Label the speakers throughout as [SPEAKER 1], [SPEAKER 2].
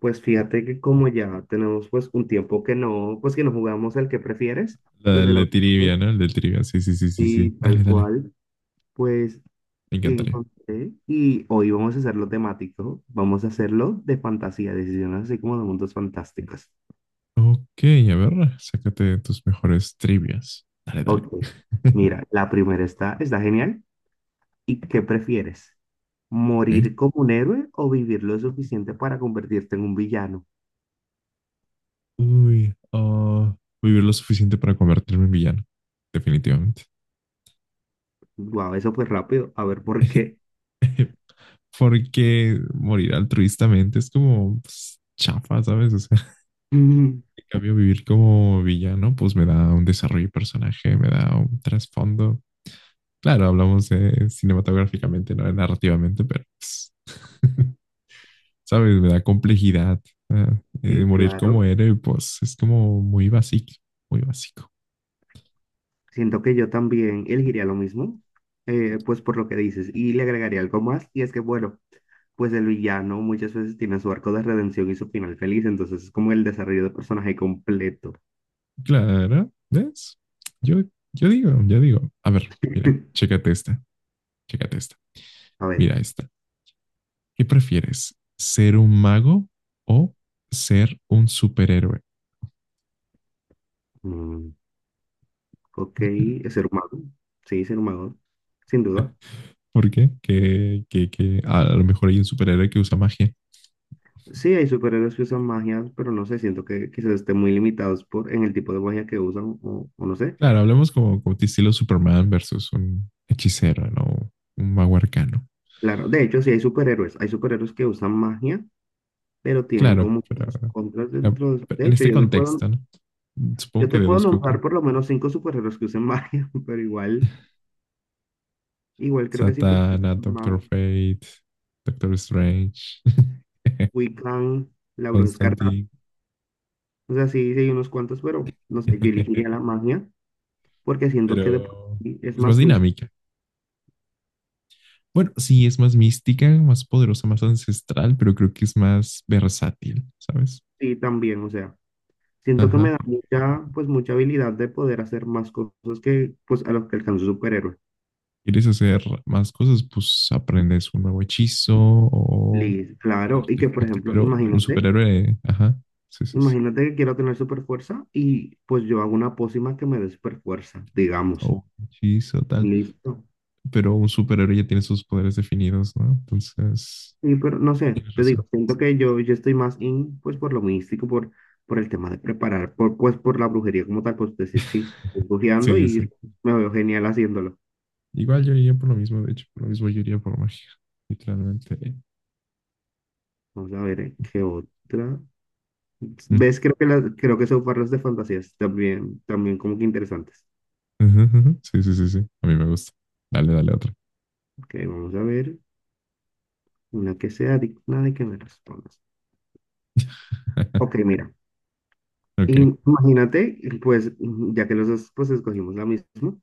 [SPEAKER 1] Pues fíjate que como ya tenemos pues un tiempo que no, pues que no jugamos el que prefieres
[SPEAKER 2] La,
[SPEAKER 1] desde
[SPEAKER 2] el
[SPEAKER 1] la
[SPEAKER 2] de trivia, ¿no? El de trivia. Sí, sí, sí, sí, sí.
[SPEAKER 1] y
[SPEAKER 2] Dale,
[SPEAKER 1] tal
[SPEAKER 2] dale.
[SPEAKER 1] cual, pues
[SPEAKER 2] Me encantaría.
[SPEAKER 1] encontré y hoy vamos a hacerlo temático, vamos a hacerlo de fantasía, decisiones así como de mundos fantásticos.
[SPEAKER 2] Ok, a ver, sácate tus mejores trivias. Dale, dale.
[SPEAKER 1] Ok, mira, la primera está genial. ¿Y qué prefieres?
[SPEAKER 2] Ok.
[SPEAKER 1] ¿Morir como un héroe o vivir lo suficiente para convertirte en un villano?
[SPEAKER 2] Uy, ah, vivir lo suficiente para convertirme en villano. Definitivamente.
[SPEAKER 1] Guau, eso fue rápido, a ver por qué.
[SPEAKER 2] Porque morir altruistamente es como pues, chafa, ¿sabes? O sea, en cambio, vivir como villano, pues me da un desarrollo de personaje, me da un trasfondo. Claro, hablamos cinematográficamente, no narrativamente, pero pues, ¿sabes? Me da complejidad.
[SPEAKER 1] Sí,
[SPEAKER 2] Morir como
[SPEAKER 1] claro.
[SPEAKER 2] héroe, pues es como muy básico, muy básico.
[SPEAKER 1] Siento que yo también elegiría lo mismo, pues por lo que dices, y le agregaría algo más, y es que, bueno, pues el villano muchas veces tiene su arco de redención y su final feliz, entonces es como el desarrollo de personaje completo.
[SPEAKER 2] Claro, ¿ves? Yo, yo digo, a ver, mira, chécate esta,
[SPEAKER 1] A ver,
[SPEAKER 2] mira esta. ¿Qué prefieres? ¿Ser un mago o ser un superhéroe?
[SPEAKER 1] mm, ok, es ser humano, sí, ser humano, sin duda.
[SPEAKER 2] ¿Por qué? Que a lo mejor hay un superhéroe que usa magia.
[SPEAKER 1] Sí, hay superhéroes que usan magia, pero no sé, siento que quizás estén muy limitados por, en el tipo de magia que usan, o no sé.
[SPEAKER 2] Claro, hablemos como de estilo Superman versus un hechicero, ¿no? Un mago arcano.
[SPEAKER 1] Claro, de hecho, sí hay superhéroes que usan magia, pero tienen
[SPEAKER 2] Claro,
[SPEAKER 1] como que sus contras dentro. De
[SPEAKER 2] pero
[SPEAKER 1] de
[SPEAKER 2] en
[SPEAKER 1] hecho,
[SPEAKER 2] este
[SPEAKER 1] yo te puedo,
[SPEAKER 2] contexto, ¿no? Supongo
[SPEAKER 1] yo
[SPEAKER 2] que
[SPEAKER 1] te puedo
[SPEAKER 2] deduzco que
[SPEAKER 1] nombrar por lo menos cinco superhéroes que usen magia, pero igual creo que sí, porque es
[SPEAKER 2] Satana, Doctor
[SPEAKER 1] más
[SPEAKER 2] Fate, Doctor Strange,
[SPEAKER 1] Wiccan, la Bruja Escarlata.
[SPEAKER 2] Constantine.
[SPEAKER 1] O sea, sí, sí hay unos cuantos, pero no sé, yo elegiría la magia, porque siento que de por
[SPEAKER 2] Pero
[SPEAKER 1] sí es
[SPEAKER 2] es más
[SPEAKER 1] más místico
[SPEAKER 2] dinámica. Bueno, sí, es más mística, más poderosa, más ancestral, pero creo que es más versátil, ¿sabes?
[SPEAKER 1] y también, o sea, siento que me
[SPEAKER 2] Ajá.
[SPEAKER 1] da mucha, pues mucha habilidad de poder hacer más cosas que, pues, a los que alcanza un superhéroe.
[SPEAKER 2] ¿Quieres hacer más cosas? Pues aprendes un nuevo hechizo o
[SPEAKER 1] Liz,
[SPEAKER 2] un
[SPEAKER 1] claro, y que por
[SPEAKER 2] artefacto,
[SPEAKER 1] ejemplo,
[SPEAKER 2] pero un
[SPEAKER 1] imagínate
[SPEAKER 2] superhéroe, ajá, sí, sí, sí,
[SPEAKER 1] Imagínate que quiero tener super fuerza y pues yo hago una pócima que me dé super fuerza, digamos.
[SPEAKER 2] o un hechizo, tal.
[SPEAKER 1] Listo.
[SPEAKER 2] Pero un superhéroe ya tiene sus poderes definidos, ¿no? Entonces,
[SPEAKER 1] Y pero no sé,
[SPEAKER 2] tienes
[SPEAKER 1] te
[SPEAKER 2] razón.
[SPEAKER 1] digo, siento que yo estoy más in, pues por lo místico, por el tema de preparar, por, pues por la brujería como tal, pues decir sí, estoy brujeando
[SPEAKER 2] Sí,
[SPEAKER 1] y
[SPEAKER 2] sí.
[SPEAKER 1] me veo genial haciéndolo.
[SPEAKER 2] Igual yo iría por lo mismo, de hecho, por lo mismo yo iría por magia, literalmente.
[SPEAKER 1] Vamos a ver, ¿qué otra?
[SPEAKER 2] Mm.
[SPEAKER 1] ¿Ves? Creo que, creo que son parras de fantasías también, también como que interesantes.
[SPEAKER 2] Ujú, ujú. Sí, sí, sí, sí. A mí me gusta. Dale, dale otra.
[SPEAKER 1] Ok, vamos a ver una que sea digna de que me respondas. Ok, mira.
[SPEAKER 2] Ok.
[SPEAKER 1] Y imagínate, pues, ya que los dos pues, escogimos la misma,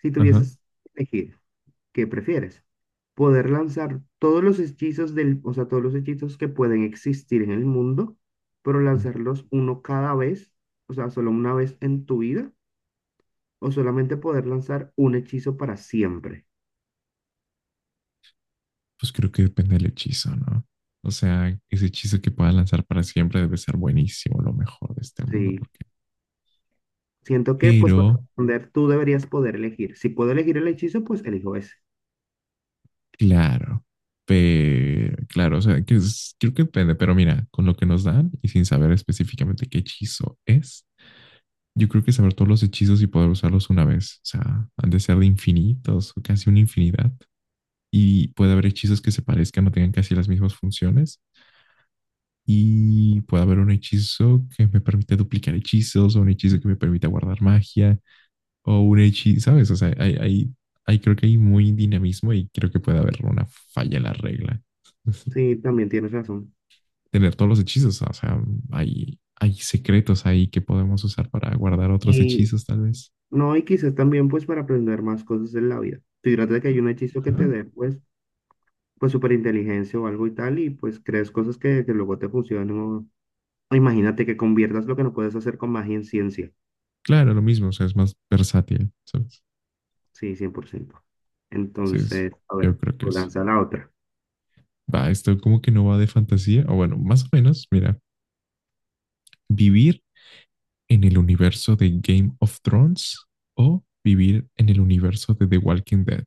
[SPEAKER 1] si
[SPEAKER 2] Ajá.
[SPEAKER 1] tuvieses que elegir, ¿qué prefieres? ¿Poder lanzar todos los hechizos del, o sea, todos los hechizos que pueden existir en el mundo, pero lanzarlos uno cada vez, o sea, solo una vez en tu vida, o solamente poder lanzar un hechizo para siempre?
[SPEAKER 2] Pues creo que depende del hechizo, ¿no? O sea, ese hechizo que pueda lanzar para siempre debe ser buenísimo, lo mejor de este mundo,
[SPEAKER 1] Sí,
[SPEAKER 2] porque...
[SPEAKER 1] siento que, pues, para
[SPEAKER 2] Pero,
[SPEAKER 1] responder, tú deberías poder elegir. Si puedo elegir el hechizo, pues elijo ese.
[SPEAKER 2] claro, pero, claro, o sea, que es... creo que depende, pero mira, con lo que nos dan y sin saber específicamente qué hechizo es, yo creo que saber todos los hechizos y poder usarlos una vez, o sea, han de ser de infinitos o casi una infinidad. Y puede haber hechizos que se parezcan o tengan casi las mismas funciones y puede haber un hechizo que me permite duplicar hechizos o un hechizo que me permita guardar magia o un hechizo, ¿sabes? O sea, hay creo que hay muy dinamismo y creo que puede haber una falla en la regla.
[SPEAKER 1] Sí, también tienes razón.
[SPEAKER 2] Tener todos los hechizos, o sea, hay secretos ahí que podemos usar para guardar otros
[SPEAKER 1] Y
[SPEAKER 2] hechizos tal vez.
[SPEAKER 1] no, y quizás también pues para aprender más cosas en la vida. Fíjate de que hay un hechizo que te
[SPEAKER 2] Ajá.
[SPEAKER 1] dé pues, pues inteligencia o algo y tal, y pues crees cosas que luego te funcionan. o imagínate que conviertas lo que no puedes hacer con magia en ciencia.
[SPEAKER 2] Claro, lo mismo, o sea, es más versátil, ¿sabes?
[SPEAKER 1] Sí, 100%.
[SPEAKER 2] Sí, es,
[SPEAKER 1] Entonces, a
[SPEAKER 2] yo
[SPEAKER 1] ver,
[SPEAKER 2] creo que
[SPEAKER 1] tú
[SPEAKER 2] es.
[SPEAKER 1] lanza la otra.
[SPEAKER 2] Va, esto como que no va de fantasía, o bueno, más o menos, mira, vivir en el universo de Game of Thrones o vivir en el universo de The Walking Dead.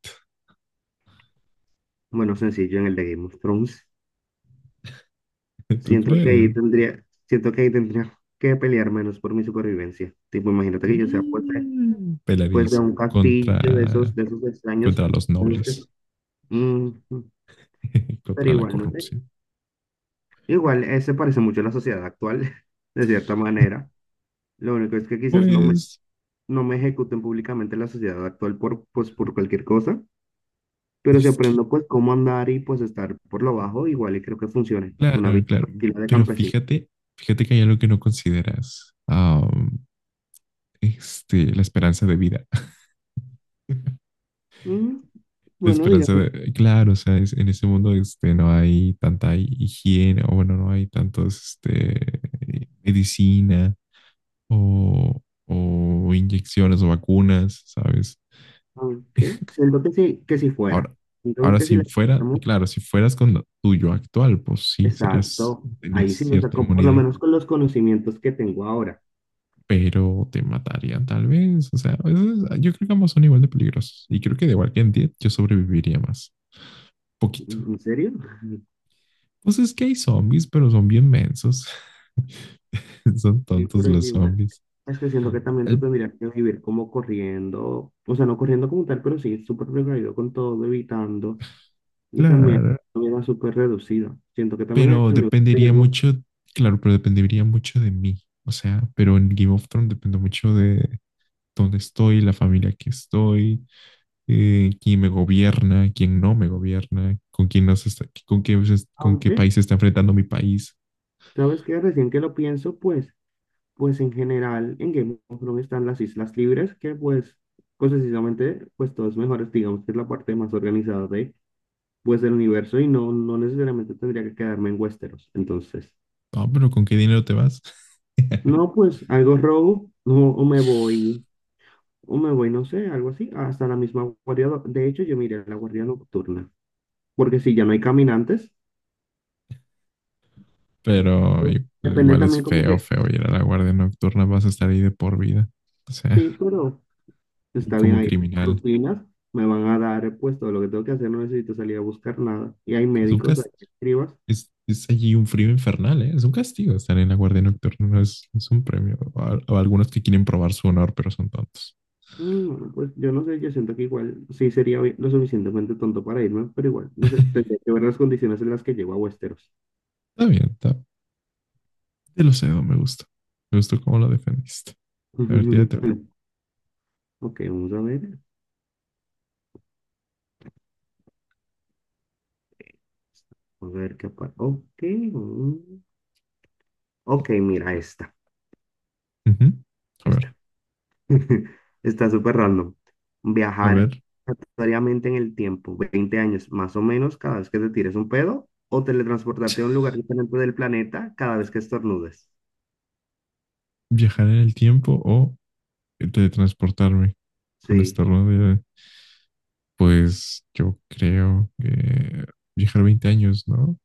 [SPEAKER 1] Bueno, sencillo en el de Game of Thrones.
[SPEAKER 2] ¿Tú
[SPEAKER 1] Siento que ahí
[SPEAKER 2] crees?
[SPEAKER 1] tendría, siento que ahí tendría que pelear menos por mi supervivencia. Tipo, imagínate que yo sea
[SPEAKER 2] Mm.
[SPEAKER 1] pues, de
[SPEAKER 2] Pelarías
[SPEAKER 1] un castillo
[SPEAKER 2] contra,
[SPEAKER 1] de esos extraños.
[SPEAKER 2] contra los
[SPEAKER 1] en los
[SPEAKER 2] nobles,
[SPEAKER 1] que- Mm, Pero
[SPEAKER 2] contra la
[SPEAKER 1] igual, no sé.
[SPEAKER 2] corrupción.
[SPEAKER 1] Igual, se parece mucho a la sociedad actual, de cierta manera. Lo único es que quizás no me,
[SPEAKER 2] Pues,
[SPEAKER 1] no me ejecuten públicamente la sociedad actual por, pues, por cualquier cosa, pero si
[SPEAKER 2] es que,
[SPEAKER 1] aprendo pues cómo andar y pues estar por lo bajo, igual y creo que funcione. Una
[SPEAKER 2] claro,
[SPEAKER 1] vida
[SPEAKER 2] claro.
[SPEAKER 1] tranquila de
[SPEAKER 2] Pero
[SPEAKER 1] campesino.
[SPEAKER 2] fíjate, fíjate que hay algo que no consideras. La esperanza de vida.
[SPEAKER 1] Mm,
[SPEAKER 2] La
[SPEAKER 1] bueno,
[SPEAKER 2] esperanza
[SPEAKER 1] digamos,
[SPEAKER 2] de, claro, o sea, es... en ese mundo este, no hay tanta higiene, o bueno, no hay tantos este, medicina o, o inyecciones o vacunas, ¿sabes?
[SPEAKER 1] aunque siento que sí, que si fuera.
[SPEAKER 2] Ahora,
[SPEAKER 1] Siento
[SPEAKER 2] Ahora
[SPEAKER 1] que si
[SPEAKER 2] si
[SPEAKER 1] la
[SPEAKER 2] fuera, y
[SPEAKER 1] quitamos,
[SPEAKER 2] claro, si fueras con lo tuyo actual, pues sí, serías,
[SPEAKER 1] exacto.
[SPEAKER 2] tenías
[SPEAKER 1] Ahí sí, o sea,
[SPEAKER 2] cierta
[SPEAKER 1] por lo
[SPEAKER 2] inmunidad,
[SPEAKER 1] menos con los conocimientos que tengo ahora.
[SPEAKER 2] pero te matarían tal vez, o sea, eso es... yo creo que ambos son igual de peligrosos y creo que de igual que en 10 yo sobreviviría más, poquito.
[SPEAKER 1] ¿En serio?
[SPEAKER 2] Pues es que hay zombies, pero son bien mensos. Son
[SPEAKER 1] Sí,
[SPEAKER 2] tontos
[SPEAKER 1] pero
[SPEAKER 2] los
[SPEAKER 1] igual.
[SPEAKER 2] zombies.
[SPEAKER 1] Es que siento que también tú
[SPEAKER 2] El-
[SPEAKER 1] tendrías que vivir como corriendo, o sea, no corriendo como tal, pero sí súper precavido con todo, evitando, y también
[SPEAKER 2] Claro,
[SPEAKER 1] una vida súper reducida. Siento que también
[SPEAKER 2] pero
[SPEAKER 1] en el
[SPEAKER 2] dependería
[SPEAKER 1] tenemos,
[SPEAKER 2] mucho, claro, pero dependería mucho de mí. O sea, pero en Game of Thrones depende mucho de dónde estoy, la familia que estoy, quién me gobierna, quién no me gobierna, con quién nos está, con qué, pues, con qué
[SPEAKER 1] aunque,
[SPEAKER 2] país se está enfrentando mi país.
[SPEAKER 1] ¿sabes qué? Recién que lo pienso, pues, pues en general en Game of Thrones están las islas libres, que pues, pues precisamente, pues todos mejores, digamos que es la parte más organizada de, pues, del universo, y no, no necesariamente tendría que quedarme en Westeros, entonces.
[SPEAKER 2] No, pero ¿con qué dinero te vas?
[SPEAKER 1] No, pues algo robo, no, o me voy, no sé, algo así, hasta la misma guardia. De hecho, yo miré la guardia nocturna, porque si ya no hay caminantes,
[SPEAKER 2] Pero
[SPEAKER 1] pues, depende
[SPEAKER 2] igual es
[SPEAKER 1] también como
[SPEAKER 2] feo,
[SPEAKER 1] que,
[SPEAKER 2] feo ir a la guardia nocturna, vas a estar ahí de por vida. O sea,
[SPEAKER 1] sí, pero
[SPEAKER 2] y
[SPEAKER 1] está bien
[SPEAKER 2] como
[SPEAKER 1] ahí, tengo
[SPEAKER 2] criminal.
[SPEAKER 1] rutinas, me van a dar pues todo lo que tengo que hacer, no necesito salir a buscar nada. Y hay médicos,
[SPEAKER 2] Lucas,
[SPEAKER 1] hay escribas,
[SPEAKER 2] Es allí un frío infernal, ¿eh? Es un castigo estar en la guardia nocturna, no es, no es un premio. A... a algunos que quieren probar su honor, pero son tontos.
[SPEAKER 1] mm, pues yo no sé, yo siento que igual sí sería lo suficientemente tonto para irme, pero igual, no sé, tendría que ver las condiciones en las que llego a Westeros.
[SPEAKER 2] Está bien, está. Te lo cedo, me gusta. Me gustó cómo lo defendiste. A ver, tírate una.
[SPEAKER 1] Ok, vamos a ver. A ver qué ok. Ok, mira, esta.
[SPEAKER 2] Ujú. A ver,
[SPEAKER 1] Esta. Está súper random.
[SPEAKER 2] a
[SPEAKER 1] Viajar
[SPEAKER 2] ver,
[SPEAKER 1] aleatoriamente en el tiempo, 20 años más o menos, cada vez que te tires un pedo, o teletransportarte a un lugar diferente del planeta cada vez que estornudes.
[SPEAKER 2] viajar en el tiempo o teletransportarme con esta
[SPEAKER 1] Sí,
[SPEAKER 2] rodilla. Pues yo creo que viajar 20 años, ¿no?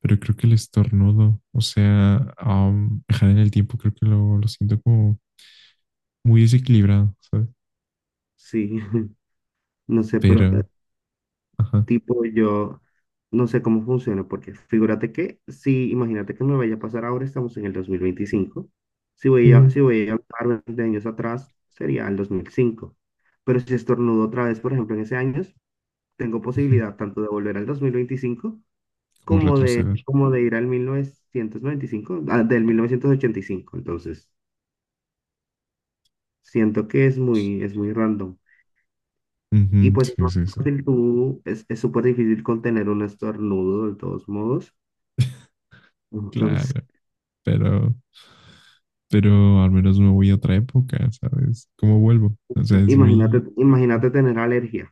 [SPEAKER 2] Pero creo que el estornudo, o sea, viajar en el tiempo, creo que lo siento como muy desequilibrado, ¿sabes?
[SPEAKER 1] sí. No sé, pero
[SPEAKER 2] Pero, ajá,
[SPEAKER 1] tipo, yo no sé cómo funciona, porque figúrate que, si imagínate que me vaya a pasar ahora, estamos en el 2025. si voy a, si
[SPEAKER 2] ujú.
[SPEAKER 1] voy a hablar 20 años atrás, sería el 2005. Pero si estornudo otra vez, por ejemplo, en ese año, tengo
[SPEAKER 2] Ujú,
[SPEAKER 1] posibilidad tanto de volver al 2025
[SPEAKER 2] como retroceder.
[SPEAKER 1] como de ir al 1995, ah, del 1985. Entonces, siento que es muy, random. Y
[SPEAKER 2] Ujú,
[SPEAKER 1] pues es
[SPEAKER 2] sí,
[SPEAKER 1] más
[SPEAKER 2] sí, sí,
[SPEAKER 1] fácil tú, es súper difícil contener un estornudo de todos modos. Entonces,
[SPEAKER 2] claro, pero, pero al menos me voy a otra época, ¿sabes? ¿Cómo vuelvo? O sea, es
[SPEAKER 1] imagínate,
[SPEAKER 2] muy...
[SPEAKER 1] imagínate tener alergia.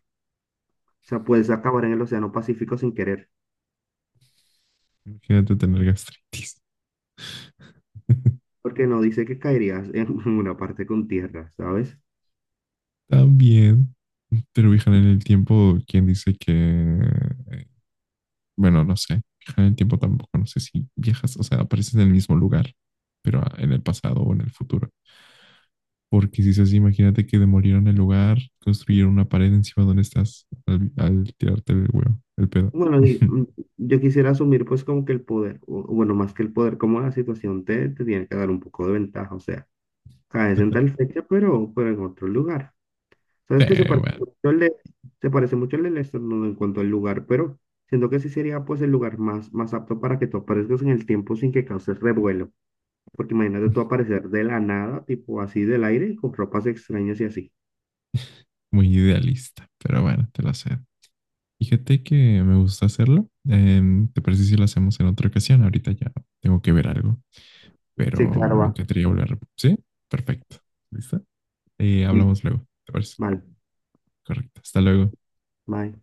[SPEAKER 1] O sea, puedes acabar en el Océano Pacífico sin querer,
[SPEAKER 2] imagínate tener gastritis
[SPEAKER 1] porque no dice que caerías en una parte con tierra, ¿sabes?
[SPEAKER 2] también. Pero viajar en el tiempo, ¿quién dice que, bueno, no sé, viajar en el tiempo tampoco, no sé si viajas, o sea, apareces en el mismo lugar, pero en el pasado o en el futuro. Porque si es así, imagínate que demolieron el lugar, construyeron una pared encima donde estás al, al tirarte el huevo, el pedo.
[SPEAKER 1] Bueno, y, yo quisiera asumir pues como que el poder, o bueno, más que el poder, como la situación te tiene que dar un poco de ventaja, o sea, caes en tal fecha, pero en otro lugar. ¿Sabes
[SPEAKER 2] Sí,
[SPEAKER 1] que se parece
[SPEAKER 2] bueno,
[SPEAKER 1] mucho al de, se parece mucho al del estornudo en cuanto al lugar, pero siento que sí sería pues el lugar más, más apto para que tú aparezcas en el tiempo sin que causes revuelo. Porque imagínate tú aparecer de la nada, tipo así del aire, con ropas extrañas y así.
[SPEAKER 2] muy idealista, pero bueno, te lo cedo. Fíjate que me gusta hacerlo. ¿Te parece si lo hacemos en otra ocasión? Ahorita ya tengo que ver algo,
[SPEAKER 1] Sí,
[SPEAKER 2] pero
[SPEAKER 1] claro,
[SPEAKER 2] me
[SPEAKER 1] va.
[SPEAKER 2] encantaría volver. ¿Sí? Perfecto. ¿Listo?
[SPEAKER 1] Sí.
[SPEAKER 2] Hablamos luego, ¿te parece?
[SPEAKER 1] Vale,
[SPEAKER 2] Correcto. Hasta luego.
[SPEAKER 1] bye.